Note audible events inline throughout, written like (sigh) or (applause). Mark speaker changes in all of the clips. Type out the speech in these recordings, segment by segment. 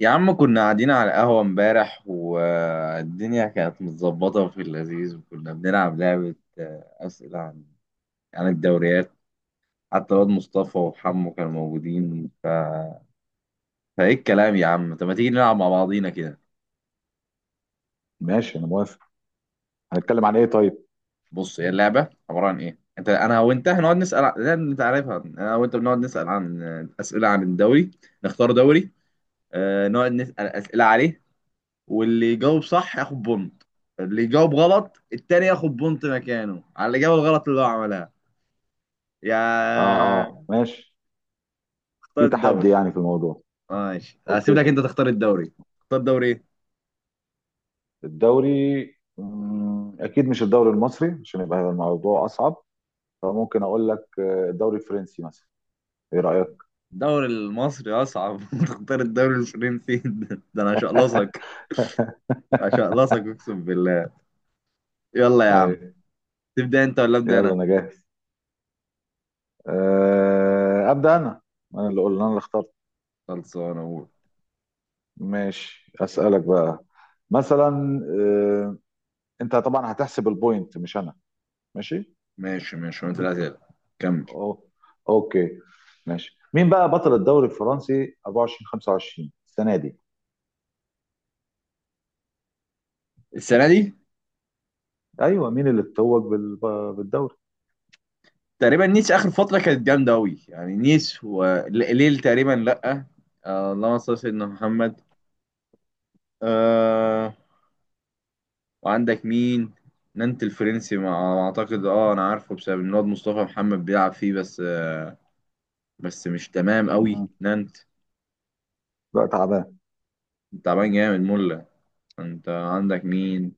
Speaker 1: يا عم، كنا قاعدين على القهوة امبارح والدنيا كانت متظبطة وفي اللذيذ، وكنا بنلعب لعبة، أسئلة عن الدوريات. حتى الواد مصطفى وحمو كانوا موجودين فإيه الكلام يا عم؟ طب ما تيجي نلعب مع بعضينا كده.
Speaker 2: ماشي، انا موافق. هنتكلم عن ايه طيب؟
Speaker 1: بص هي اللعبة عبارة عن إيه. أنت، أنا وأنت هنقعد نسأل لا، أنت عارفها. أنا وأنت بنقعد نسأل عن، أسئلة عن الدوري. نختار دوري، نقعد نسأل أسئلة عليه. واللي يجاوب صح ياخد بونت، اللي يجاوب غلط التاني ياخد بونت مكانه على الإجابة الغلط اللي هو عملها.
Speaker 2: اه،
Speaker 1: يا...
Speaker 2: اه، ماشي.
Speaker 1: اختار
Speaker 2: في تحدي
Speaker 1: الدوري.
Speaker 2: يعني في الموضوع.
Speaker 1: ماشي، هسيب
Speaker 2: اوكي.
Speaker 1: لك انت تختار الدوري. تختار دوري ايه؟
Speaker 2: الدوري، اكيد مش الدوري المصري عشان يبقى الموضوع اصعب. فممكن اقول لك، الدوري الفرنسي مثلا. ايه رايك؟
Speaker 1: الدوري المصري اصعب (laughs) تختار الدوري الفرنسي؟ (laughs) ده انا هشقلصك.
Speaker 2: (laughs)
Speaker 1: هشقلصك اقسم بالله. يلا يا عم،
Speaker 2: ايوه.
Speaker 1: تبدأ انت ولا ابدأ
Speaker 2: يلا
Speaker 1: انا؟
Speaker 2: انا جاهز. ابدا انا. انا اللي قلنا، انا اللي اخترت.
Speaker 1: خلصانه اقول.
Speaker 2: ماشي، اسالك بقى. مثلا انت طبعا هتحسب البوينت مش انا. ماشي.
Speaker 1: ماشي ماشي، وانت الأسئلة. كمل.
Speaker 2: أو... اوكي. ماشي، مين بقى بطل الدوري الفرنسي 24 25 السنه دي؟
Speaker 1: السنة دي،
Speaker 2: ايوه، مين اللي اتوج بالدوري؟
Speaker 1: تقريبا نيس، اخر فتره كانت جامده قوي، يعني نيس وليل. تقريبا لا. اللهم صل على سيدنا محمد. آه وعندك مين؟ نانت الفرنسي ما اعتقد. اه انا عارفه بسبب ان الواد مصطفى محمد بيلعب فيه، بس بس مش تمام قوي
Speaker 2: مهم.
Speaker 1: نانت.
Speaker 2: بقى تعبان.
Speaker 1: تعبان جامد، مله. انت عندك مين؟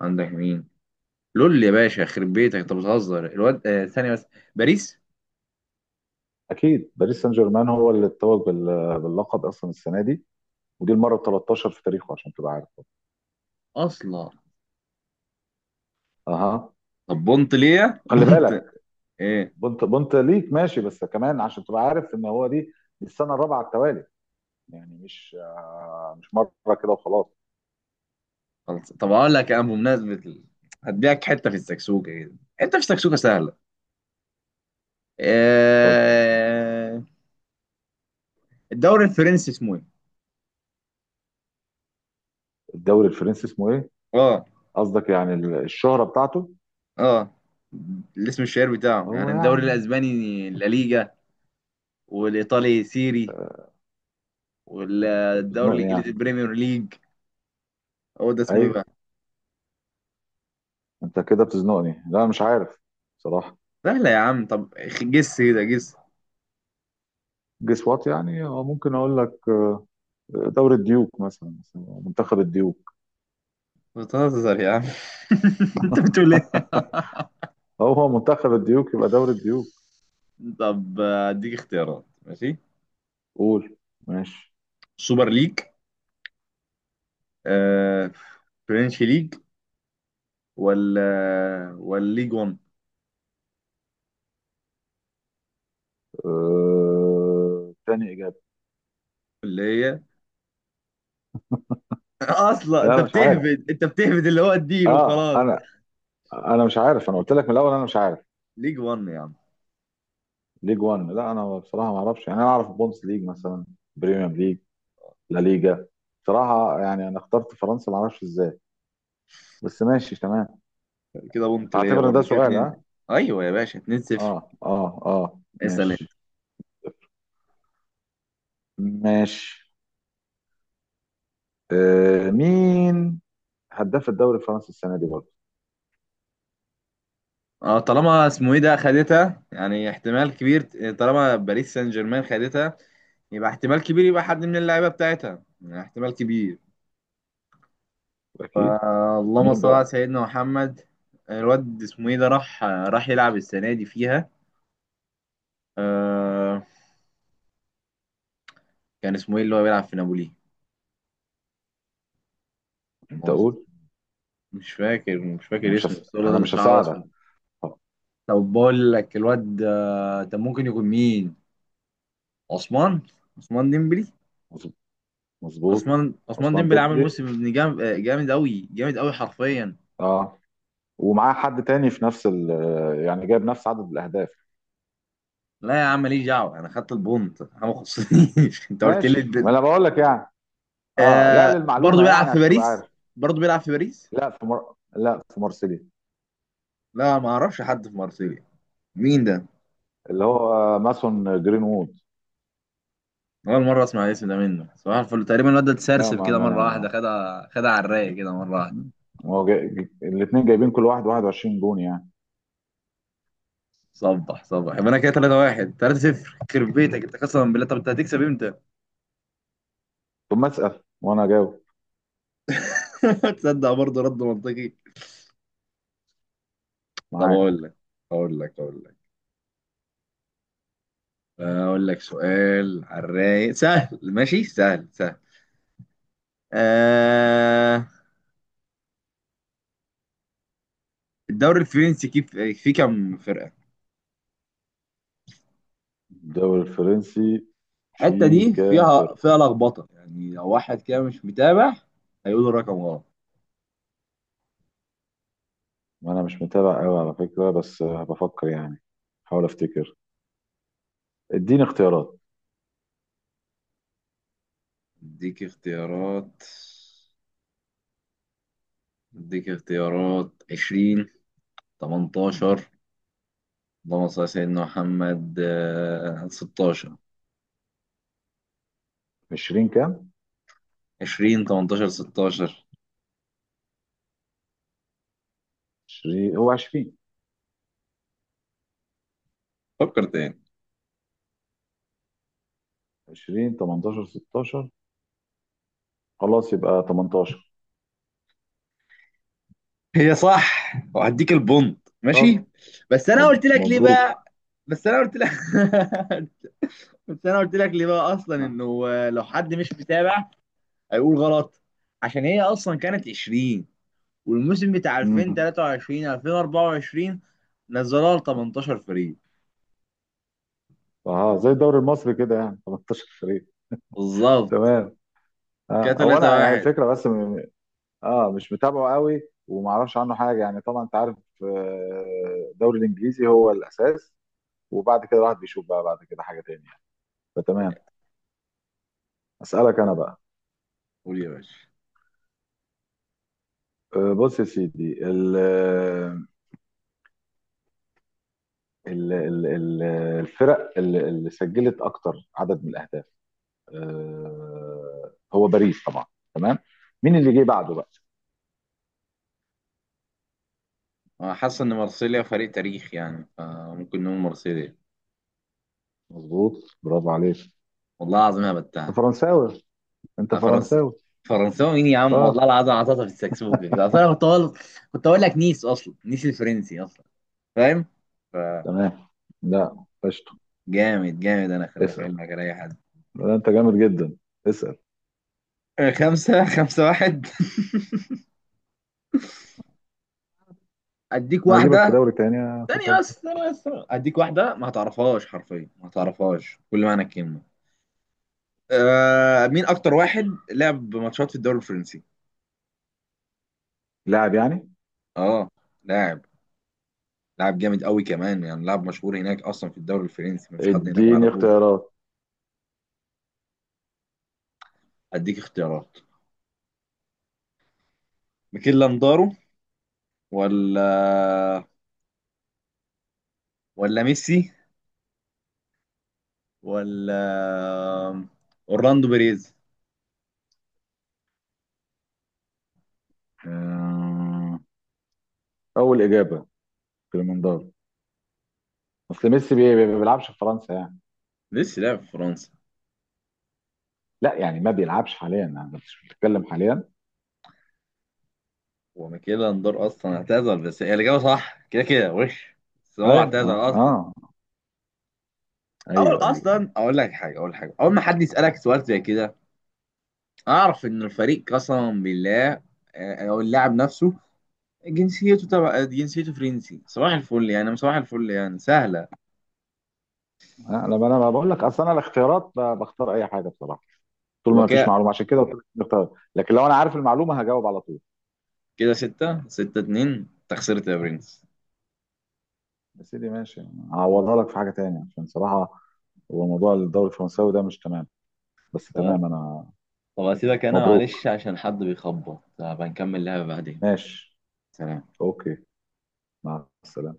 Speaker 1: عندك مين؟ لول يا باشا، يخرب بيتك انت بتهزر. الواد، ثانيه بس. باريس.
Speaker 2: اكيد باريس سان جيرمان هو اللي اتوج باللقب اصلا السنه دي. ودي المره ال 13 في تاريخه عشان تبقى عارف.
Speaker 1: اصلا
Speaker 2: اها.
Speaker 1: طب بونت ليه؟ (laughs)
Speaker 2: خلي
Speaker 1: بونت
Speaker 2: بالك.
Speaker 1: ايه؟
Speaker 2: بنت بنت ليك ماشي، بس كمان عشان تبقى عارف ان هو دي، دي السنه الرابعه على التوالي. يعني مش، مش مره كده وخلاص.
Speaker 1: خلاص، طب اقول لك انا بمناسبه هديك حته في السكسوكه كده. حته في السكسوكه سهله.
Speaker 2: اتفضل.
Speaker 1: آه... الدوري الفرنسي اسمه ايه؟
Speaker 2: الدوري الفرنسي اسمه ايه؟
Speaker 1: اه
Speaker 2: قصدك يعني الشهره بتاعته.
Speaker 1: اه الاسم الشهير بتاعه،
Speaker 2: هو
Speaker 1: يعني الدوري
Speaker 2: يعني،
Speaker 1: الاسباني لا ليجا، والايطالي سيري،
Speaker 2: انت
Speaker 1: والدوري
Speaker 2: بتزنقني
Speaker 1: الانجليزي
Speaker 2: يعني.
Speaker 1: البريمير ليج. هو ده اسمه ايه
Speaker 2: ايوه،
Speaker 1: بقى؟
Speaker 2: انت كده بتزنقني. لا مش عارف صراحه.
Speaker 1: سهله يا عم، طب. جس كده، جس.
Speaker 2: جس وات يعني. هو ممكن اقول لك، دوري الديوك مثلا، منتخب الديوك.
Speaker 1: بتهزر يا عم (laughs) انت بتقول ايه؟
Speaker 2: (laughs) هو منتخب الديوك يبقى دوري الديوك.
Speaker 1: طب، اديك اختيارات. ماشي،
Speaker 2: قول. ماشي.
Speaker 1: سوبر ليج، آه... فرنش ليج، ولا ليج 1.
Speaker 2: تاني اجابه.
Speaker 1: اللي هي (laughs) اصلا
Speaker 2: لا
Speaker 1: انت
Speaker 2: انا مش عارف.
Speaker 1: بتهبد انت بتهبد اللي هو الدين
Speaker 2: اه
Speaker 1: وخلاص.
Speaker 2: انا انا مش عارف، انا قلت لك من الاول انا مش عارف.
Speaker 1: ليج 1 يا عم.
Speaker 2: ليج 1، لا انا بصراحه ما اعرفش يعني. انا اعرف بونس ليج مثلا، بريمير ليج، لا ليجا. بصراحه يعني انا اخترت فرنسا، ما اعرفش ازاي، بس ماشي تمام.
Speaker 1: كده بونت ليا
Speaker 2: هعتبر ان ده
Speaker 1: برضه، كده
Speaker 2: سؤال،
Speaker 1: 2.
Speaker 2: ها؟
Speaker 1: ايوه يا باشا، 2 0.
Speaker 2: اه، اه، اه،
Speaker 1: اسال انت.
Speaker 2: ماشي. ماشي. مين هداف الدوري الفرنسي السنه دي برضه؟
Speaker 1: اه، طالما اسمه ايه ده خدتها، يعني احتمال كبير. طالما باريس سان جيرمان خدتها، يبقى احتمال كبير، يبقى حد من اللعيبه بتاعتها يعني احتمال كبير.
Speaker 2: اكيد.
Speaker 1: اللهم
Speaker 2: مين
Speaker 1: صل على
Speaker 2: بقى؟
Speaker 1: سيدنا محمد. الواد اسمه ايه ده، راح يلعب السنه دي فيها. آه كان اسمه ايه اللي هو بيلعب في نابولي؟
Speaker 2: انت قول.
Speaker 1: مش فاكر مش فاكر اسمه، بس هو الواد
Speaker 2: انا
Speaker 1: اللي
Speaker 2: مش
Speaker 1: شعره اصفر.
Speaker 2: هساعدك. طب.
Speaker 1: طب بقول لك الواد ده ممكن يكون مين. عثمان عثمان ديمبلي.
Speaker 2: مظ- مظبوط.
Speaker 1: عثمان
Speaker 2: عثمان
Speaker 1: ديمبلي عامل
Speaker 2: ديمبلي.
Speaker 1: موسم ابن جامد جامد قوي، جامد قوي حرفيا.
Speaker 2: اه. ومعاه حد تاني في نفس ال، يعني جايب نفس عدد الاهداف؟
Speaker 1: لا يا عم، ماليش دعوه، انا خدت البونت، انا ما خصنيش (laughs) انت قلت لي
Speaker 2: ماشي، ما
Speaker 1: الدن.
Speaker 2: انا بقول لك يعني. اه لا،
Speaker 1: برضه
Speaker 2: للمعلومه
Speaker 1: بيلعب
Speaker 2: يعني
Speaker 1: في
Speaker 2: عشان تبقى
Speaker 1: باريس؟
Speaker 2: عارف.
Speaker 1: برضه بيلعب في باريس؟
Speaker 2: لا في مارسيليا،
Speaker 1: لا، ما اعرفش حد في مارسيليا. مين ده؟
Speaker 2: اللي هو ماسون جرينوود.
Speaker 1: اول مره اسمع الاسم ده. منه صباح الفل تقريبا. الواد ده
Speaker 2: لا،
Speaker 1: اتسرسب
Speaker 2: ما
Speaker 1: كده
Speaker 2: ما
Speaker 1: مره واحده.
Speaker 2: انا.
Speaker 1: خدها خدها على الرايق كده مره واحده.
Speaker 2: مم. الاثنين جايبين كل واحد 21 جون يعني.
Speaker 1: صبح صبح، يبقى انا كده 3 1، 3 0. يخرب بيتك انت قسما بالله، طب انت هتكسب امتى؟
Speaker 2: طب ما اسال وانا اجاوب.
Speaker 1: (laughs) تصدق، برضه رد منطقي. طب
Speaker 2: معاك.
Speaker 1: اقول لك اقول لك اقول لك سؤال على الرايق سهل، ماشي، سهل سهل. آه... الدوري الفرنسي، كيف فيه كام فرقة؟
Speaker 2: الدوري الفرنسي
Speaker 1: الحتة
Speaker 2: فيه
Speaker 1: دي
Speaker 2: كام
Speaker 1: فيها
Speaker 2: فرقه؟
Speaker 1: فيها لخبطة، يعني لو واحد كده مش متابع، هيقول الرقم غلط.
Speaker 2: وانا مش متابع قوي على فكره، بس بفكر يعني. حاول افتكر. اديني اختيارات.
Speaker 1: اديك اختيارات، 20، 18، اللهم صل على سيدنا محمد، 16.
Speaker 2: 20 كام؟
Speaker 1: 20 18 16،
Speaker 2: 20، هو 20.
Speaker 1: فكر تاني.
Speaker 2: 20، 18، 16. خلاص، يبقى 18.
Speaker 1: هي صح، وهديك البونت
Speaker 2: طب.
Speaker 1: ماشي. بس انا قلت لك ليه بقى.
Speaker 2: مبروك.
Speaker 1: بس انا قلت لك (laughs) بس انا قلت لك ليه بقى، اصلا
Speaker 2: اه.
Speaker 1: انه لو حد مش متابع هيقول غلط. عشان هي اصلا كانت 20، والموسم بتاع
Speaker 2: امم
Speaker 1: 2023 2024 نزلوها ل 18 فريق.
Speaker 2: اه، زي الدوري المصري كده يعني. 18 فريق.
Speaker 1: بالظبط.
Speaker 2: تمام.
Speaker 1: كده
Speaker 2: اه، هو
Speaker 1: 3
Speaker 2: انا
Speaker 1: 1.
Speaker 2: الفكره بس. اه، مش متابعه قوي، ومعرفش عنه حاجه يعني. طبعا انت عارف، الدوري الانجليزي هو الاساس، وبعد كده الواحد بيشوف بقى، بعد كده، حاجه تانية يعني. فتمام. اسالك انا بقى.
Speaker 1: قول يا باشا.
Speaker 2: بص يا سيدي، ال ال ال ال الفرق اللي سجلت اكتر عدد من الاهداف، هو باريس طبعا. تمام. مين اللي جه بعده بقى؟
Speaker 1: أنا حاسس إن مرسيليا فريق تاريخ، يعني فممكن نقول مرسيليا.
Speaker 2: مظبوط، برافو عليك.
Speaker 1: والله العظيم أنا
Speaker 2: انت
Speaker 1: بتاع.
Speaker 2: فرنساوي، انت
Speaker 1: فرنس
Speaker 2: فرنساوي.
Speaker 1: فرنساوي مين يا عم، والله
Speaker 2: اه.
Speaker 1: العظيم عطاطا في السكسوكة كده. أصل أنا كنت أقول لك نيس، أصلا نيس الفرنسي أصلا. فاهم؟ ف
Speaker 2: تمام. لا قشطه.
Speaker 1: جامد جامد، أنا خلي في
Speaker 2: اسال.
Speaker 1: علمك، على أي حد.
Speaker 2: لا، انت جامد جدا. اسال.
Speaker 1: خمسة خمسة واحد (laughs) أديك
Speaker 2: انا هجيبك في
Speaker 1: واحدة.
Speaker 2: دوري تاني يا
Speaker 1: ثانية
Speaker 2: فيصل.
Speaker 1: بس، ثانية بس. أديك واحدة ما هتعرفهاش حرفيا، ما هتعرفهاش كل معنى الكلمة. مين أكتر واحد لعب ماتشات في الدوري الفرنسي؟
Speaker 2: لاعب يعني؟
Speaker 1: اه لاعب. لاعب جامد قوي كمان، يعني لاعب مشهور هناك، اصلا في الدوري الفرنسي مفيش حد هناك ما
Speaker 2: اديني
Speaker 1: يعرفوش.
Speaker 2: اختيارات.
Speaker 1: هديك اختيارات. ميكيل لاندارو، ولا ولا ميسي، ولا اورلاندو بيريز.
Speaker 2: آه، اول اجابه كليمندارو. اصل ميسي ما بيلعبش في فرنسا يعني.
Speaker 1: ميسي لعب في فرنسا،
Speaker 2: لا يعني، ما بيلعبش حاليا، يعني مش بتتكلم حاليا.
Speaker 1: وميكيل لاندارو اصلا اعتزل. بس هي الاجابه صح كده كده وش، بس هو
Speaker 2: ايوه،
Speaker 1: اعتزل
Speaker 2: اه،
Speaker 1: اصلا.
Speaker 2: اه،
Speaker 1: اول،
Speaker 2: ايوه، ايوه، ايوه.
Speaker 1: اصلا اقول لك حاجه. اول ما حد يسالك سؤال زي كده، اعرف ان الفريق قسما بالله، او اللاعب نفسه، جنسيته، تبع جنسيته فرنسي. صباح الفل يعني، صباح الفل يعني سهله.
Speaker 2: لما انا بقول لك، اصل انا الاختيارات بختار اي حاجه بصراحه، طول ما فيش
Speaker 1: وكاء.
Speaker 2: معلومه. عشان كده قلت لك الاختيارات، لكن لو انا عارف المعلومه هجاوب على طول.
Speaker 1: كده ستة ستة اتنين، تخسرت يا برنس.
Speaker 2: يا سيدي ماشي. هعوضها لك في حاجه تانية، عشان صراحه هو موضوع الدوري الفرنساوي ده مش تمام. بس
Speaker 1: طب،
Speaker 2: تمام انا.
Speaker 1: هسيبك انا،
Speaker 2: مبروك.
Speaker 1: معلش عشان حد بيخبط. هبقى نكمل لعبة بعدين.
Speaker 2: ماشي.
Speaker 1: سلام.
Speaker 2: اوكي. مع السلامة.